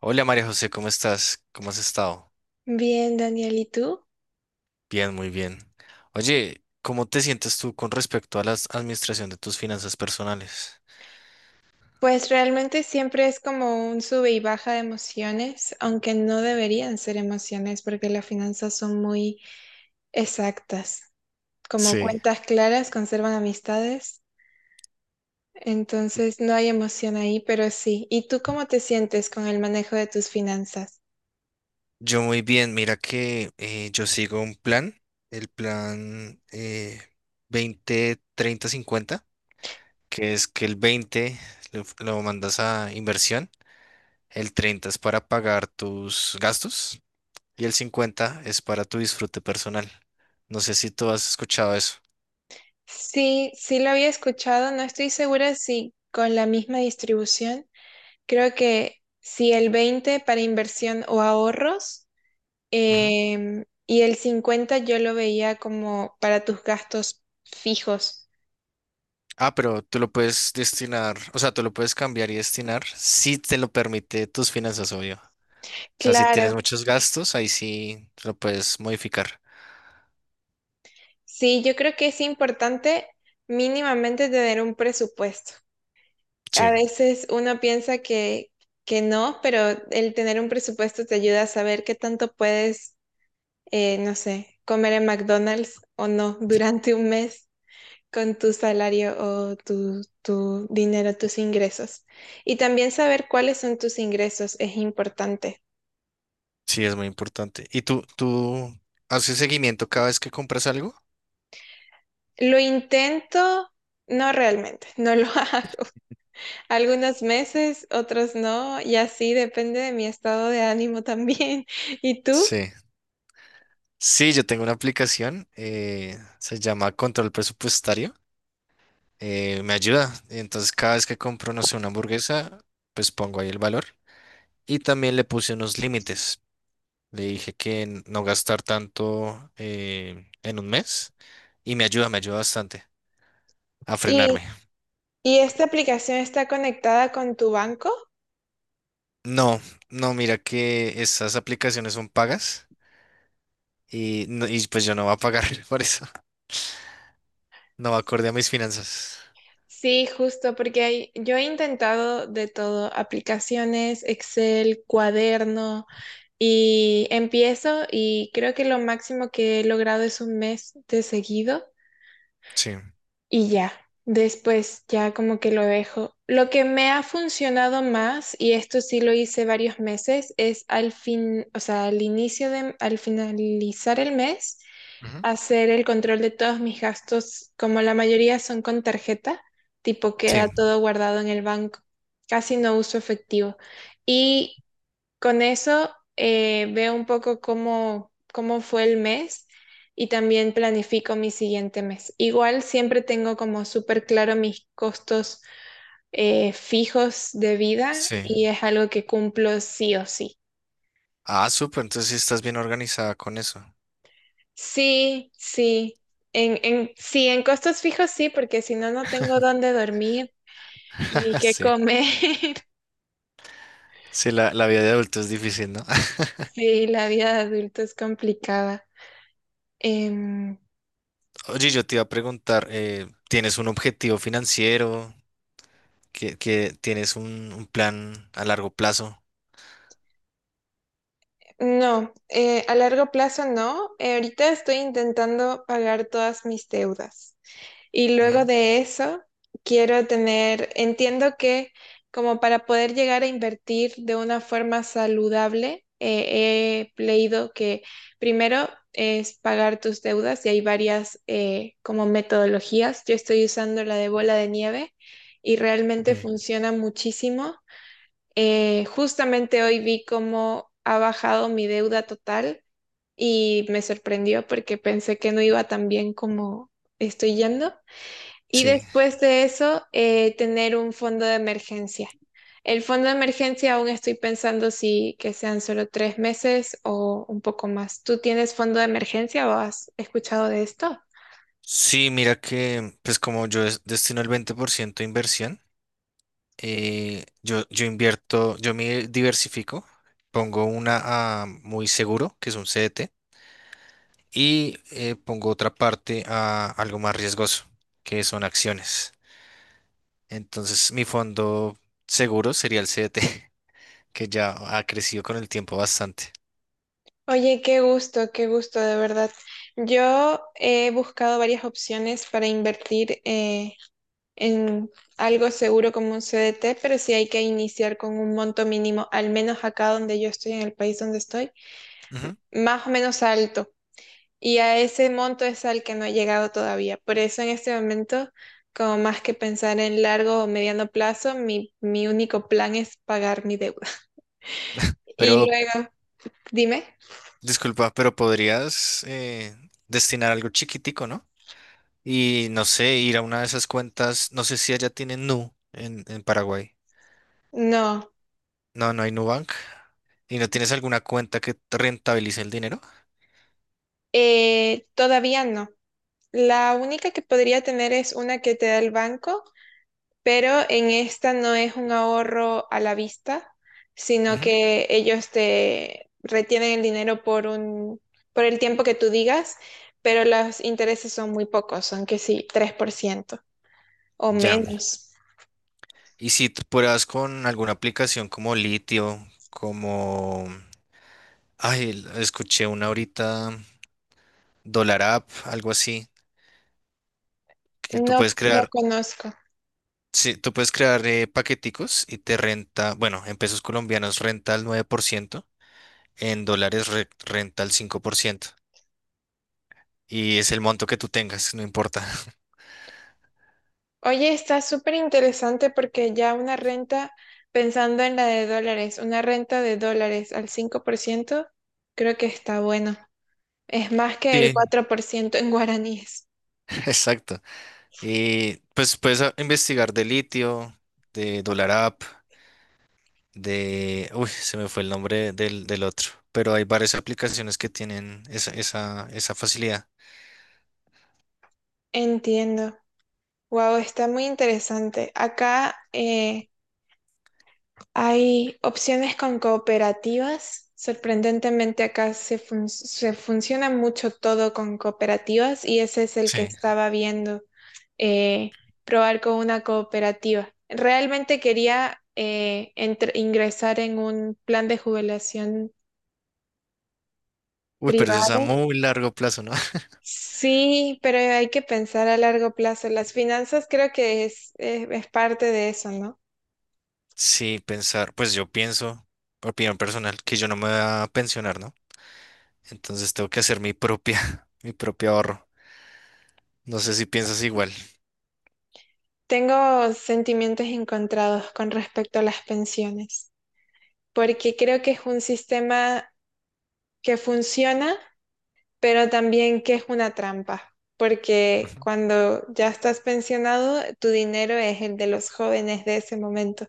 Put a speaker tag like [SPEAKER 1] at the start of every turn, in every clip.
[SPEAKER 1] Hola María José, ¿cómo estás? ¿Cómo has estado?
[SPEAKER 2] Bien, Daniel, ¿y tú?
[SPEAKER 1] Bien, muy bien. Oye, ¿cómo te sientes tú con respecto a la administración de tus finanzas personales?
[SPEAKER 2] Pues realmente siempre es como un sube y baja de emociones, aunque no deberían ser emociones porque las finanzas son muy exactas. Como
[SPEAKER 1] Sí.
[SPEAKER 2] cuentas claras conservan amistades, entonces no hay emoción ahí, pero sí. ¿Y tú cómo te sientes con el manejo de tus finanzas?
[SPEAKER 1] Yo muy bien, mira que yo sigo un plan, el plan 20, 30, 50, que es que el 20 lo mandas a inversión, el 30 es para pagar tus gastos y el 50 es para tu disfrute personal. No sé si tú has escuchado eso.
[SPEAKER 2] Sí, sí lo había escuchado. No estoy segura si con la misma distribución. Creo que si el 20 para inversión o ahorros. Y el 50 yo lo veía como para tus gastos fijos.
[SPEAKER 1] Ah, pero tú lo puedes destinar, o sea, tú lo puedes cambiar y destinar si te lo permite tus finanzas, obvio. O sea, si
[SPEAKER 2] Claro,
[SPEAKER 1] tienes muchos gastos, ahí sí lo puedes modificar.
[SPEAKER 2] sí, yo creo que es importante mínimamente tener un presupuesto.
[SPEAKER 1] Sí,
[SPEAKER 2] A veces uno piensa que no, pero el tener un presupuesto te ayuda a saber qué tanto puedes, no sé, comer en McDonald's o no durante un mes con tu salario o tu dinero, tus ingresos. Y también saber cuáles son tus ingresos es importante.
[SPEAKER 1] sí, es muy importante. ¿Y tú haces seguimiento cada vez que compras algo?
[SPEAKER 2] Lo intento, no realmente, no lo hago. Algunos meses, otros no, y así depende de mi estado de ánimo también. ¿Y tú?
[SPEAKER 1] Sí. Sí, yo tengo una aplicación, se llama Control Presupuestario, me ayuda. Entonces, cada vez que compro, no sé, una hamburguesa, pues pongo ahí el valor. Y también le puse unos límites. Le dije que no gastar tanto en un mes y me ayuda bastante a frenarme.
[SPEAKER 2] ¿Y, y esta aplicación está conectada con tu banco?
[SPEAKER 1] No, no, mira que esas aplicaciones son pagas y, y pues yo no voy a pagar por eso. No va acorde a mis finanzas.
[SPEAKER 2] Sí, justo, porque yo he intentado de todo, aplicaciones, Excel, cuaderno, y empiezo y creo que lo máximo que he logrado es un mes de seguido.
[SPEAKER 1] Sí.
[SPEAKER 2] Y ya. Después ya como que lo dejo. Lo que me ha funcionado más, y esto sí lo hice varios meses, es al fin, o sea, al finalizar el mes,
[SPEAKER 1] Ujú.
[SPEAKER 2] hacer el control de todos mis gastos, como la mayoría son con tarjeta, tipo
[SPEAKER 1] Sí,
[SPEAKER 2] queda todo guardado en el banco. Casi no uso efectivo. Y con eso veo un poco cómo fue el mes y también planifico mi siguiente mes. Igual siempre tengo como súper claro mis costos fijos de vida,
[SPEAKER 1] sí.
[SPEAKER 2] y es algo que cumplo sí o sí.
[SPEAKER 1] Ah, súper, entonces sí estás bien organizada con eso.
[SPEAKER 2] Sí, sí. Sí, en costos fijos sí, porque si no, no tengo dónde dormir ni qué
[SPEAKER 1] Sí,
[SPEAKER 2] comer.
[SPEAKER 1] sí, la vida de adulto es difícil, ¿no?
[SPEAKER 2] Sí, la vida de adulto es complicada. Em,
[SPEAKER 1] Oye, yo te iba a preguntar, ¿tienes un objetivo financiero? ¿Que tienes un plan a largo plazo?
[SPEAKER 2] No, a largo plazo no. Ahorita estoy intentando pagar todas mis deudas. Y luego
[SPEAKER 1] Ujú.
[SPEAKER 2] de eso, quiero tener, entiendo que como para poder llegar a invertir de una forma saludable, he leído que primero es pagar tus deudas y hay varias como metodologías. Yo estoy usando la de bola de nieve y realmente
[SPEAKER 1] Sí,
[SPEAKER 2] funciona muchísimo. Justamente hoy vi cómo ha bajado mi deuda total y me sorprendió porque pensé que no iba tan bien como estoy yendo. Y
[SPEAKER 1] sí.
[SPEAKER 2] después de eso, tener un fondo de emergencia. El fondo de emergencia aún estoy pensando si que sean solo 3 meses o un poco más. ¿Tú tienes fondo de emergencia o has escuchado de esto?
[SPEAKER 1] Sí, mira que, pues como yo destino el 20% de inversión, yo invierto, yo me diversifico, pongo una a muy seguro, que es un CDT, y pongo otra parte a algo más riesgoso, que son acciones. Entonces, mi fondo seguro sería el CDT, que ya ha crecido con el tiempo bastante.
[SPEAKER 2] Oye, qué gusto, de verdad. Yo he buscado varias opciones para invertir en algo seguro como un CDT, pero sí hay que iniciar con un monto mínimo, al menos acá donde yo estoy, en el país donde estoy,
[SPEAKER 1] Ujú.
[SPEAKER 2] más o menos alto. Y a ese monto es al que no he llegado todavía. Por eso en este momento, como más que pensar en largo o mediano plazo, mi único plan es pagar mi deuda. Y
[SPEAKER 1] Pero,
[SPEAKER 2] luego, dime,
[SPEAKER 1] disculpa, pero podrías destinar algo chiquitico, ¿no? Y no sé, ir a una de esas cuentas, no sé si allá tienen Nu en Paraguay.
[SPEAKER 2] no,
[SPEAKER 1] No, no hay Nubank. ¿Y no tienes alguna cuenta que te rentabilice el dinero?
[SPEAKER 2] todavía no. La única que podría tener es una que te da el banco, pero en esta no es un ahorro a la vista, sino
[SPEAKER 1] Ujú.
[SPEAKER 2] que ellos te retienen el dinero por el tiempo que tú digas, pero los intereses son muy pocos, son que sí, 3% o
[SPEAKER 1] Ya.
[SPEAKER 2] menos.
[SPEAKER 1] Y si tú pruebas con alguna aplicación como Litio, como... Ay, escuché una ahorita, Dollar App, algo así, que tú
[SPEAKER 2] No,
[SPEAKER 1] puedes
[SPEAKER 2] no
[SPEAKER 1] crear,
[SPEAKER 2] conozco.
[SPEAKER 1] sí, tú puedes crear paqueticos y te renta, bueno, en pesos colombianos renta el 9%, en dólares renta el 5%. Y es el monto que tú tengas, no importa.
[SPEAKER 2] Oye, está súper interesante porque ya una renta, pensando en la de dólares, una renta de dólares al 5%, creo que está bueno. Es más que el
[SPEAKER 1] Sí.
[SPEAKER 2] 4% en guaraníes.
[SPEAKER 1] Exacto. Y pues puedes investigar de litio, de Dollar App, de... Uy, se me fue el nombre del otro. Pero hay varias aplicaciones que tienen esa, esa, esa facilidad.
[SPEAKER 2] Entiendo. Wow, está muy interesante. Acá hay opciones con cooperativas. Sorprendentemente acá se funciona mucho todo con cooperativas, y ese es el que
[SPEAKER 1] Sí.
[SPEAKER 2] estaba viendo, eh, probar con una cooperativa. Realmente quería ingresar en un plan de jubilación
[SPEAKER 1] Uy, pero eso es a
[SPEAKER 2] privada.
[SPEAKER 1] muy largo plazo, ¿no?
[SPEAKER 2] Sí, pero hay que pensar a largo plazo. Las finanzas creo que es parte de eso, ¿no?
[SPEAKER 1] Sí, pensar, pues yo pienso, opinión personal, que yo no me voy a pensionar, ¿no? Entonces tengo que hacer mi propia, mi propio ahorro. No sé si piensas igual.
[SPEAKER 2] Tengo sentimientos encontrados con respecto a las pensiones, porque creo que es un sistema que funciona, pero también que es una trampa, porque
[SPEAKER 1] Ujú.
[SPEAKER 2] cuando ya estás pensionado, tu dinero es el de los jóvenes de ese momento.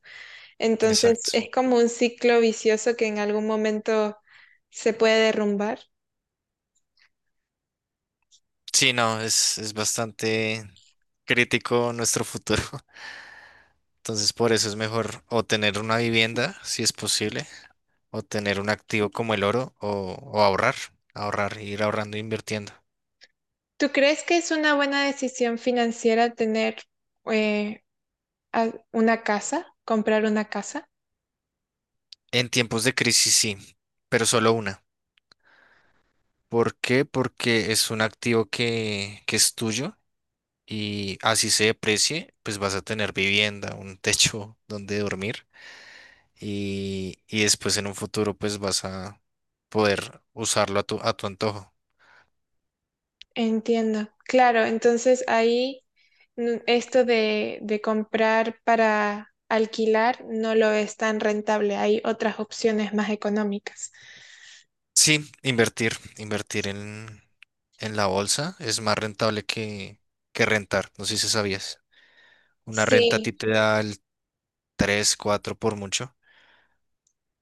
[SPEAKER 2] Entonces
[SPEAKER 1] Exacto.
[SPEAKER 2] es como un ciclo vicioso que en algún momento se puede derrumbar.
[SPEAKER 1] Sí, no, es bastante crítico nuestro futuro. Entonces, por eso es mejor o tener una vivienda, si es posible, o tener un activo como el oro, o ahorrar, ahorrar, ir ahorrando e invirtiendo.
[SPEAKER 2] ¿Tú crees que es una buena decisión financiera tener eh, una casa, comprar una casa?
[SPEAKER 1] En tiempos de crisis, sí, pero solo una. ¿Por qué? Porque es un activo que es tuyo, y así se deprecie, pues vas a tener vivienda, un techo donde dormir, y después en un futuro pues vas a poder usarlo a tu antojo.
[SPEAKER 2] Entiendo. Claro, entonces ahí esto de comprar para alquilar no lo es tan rentable. Hay otras opciones más económicas.
[SPEAKER 1] Sí, invertir, invertir en la bolsa es más rentable que rentar, no sé si sabías. Una renta a
[SPEAKER 2] Sí,
[SPEAKER 1] ti te da el 3, 4 por mucho,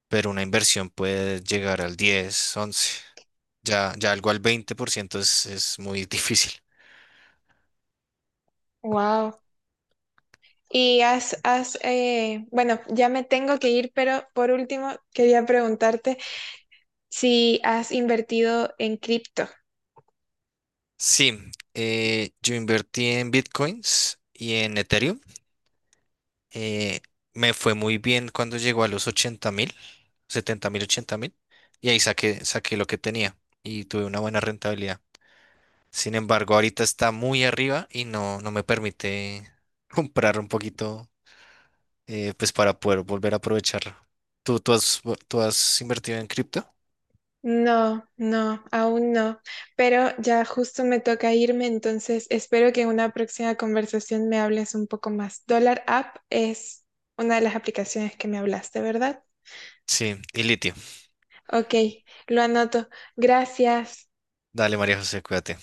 [SPEAKER 1] pero una inversión puede llegar al 10, 11, ya, ya algo al 20% es muy difícil.
[SPEAKER 2] wow. Y has bueno, ya me tengo que ir, pero por último quería preguntarte si has invertido en cripto.
[SPEAKER 1] Sí, yo invertí en bitcoins y en Ethereum. Eh, me fue muy bien cuando llegó a los 80.000, 70.000, 80.000, y ahí saqué, saqué lo que tenía y tuve una buena rentabilidad. Sin embargo, ahorita está muy arriba y no, no me permite comprar un poquito, pues para poder volver a aprovecharlo. ¿Tú has, tú has invertido en cripto?
[SPEAKER 2] No, no, aún no. Pero ya justo me toca irme, entonces espero que en una próxima conversación me hables un poco más. Dollar App es una de las aplicaciones que me hablaste, ¿verdad?
[SPEAKER 1] Sí, y litio.
[SPEAKER 2] Ok, lo anoto. Gracias.
[SPEAKER 1] Dale, María José, cuídate.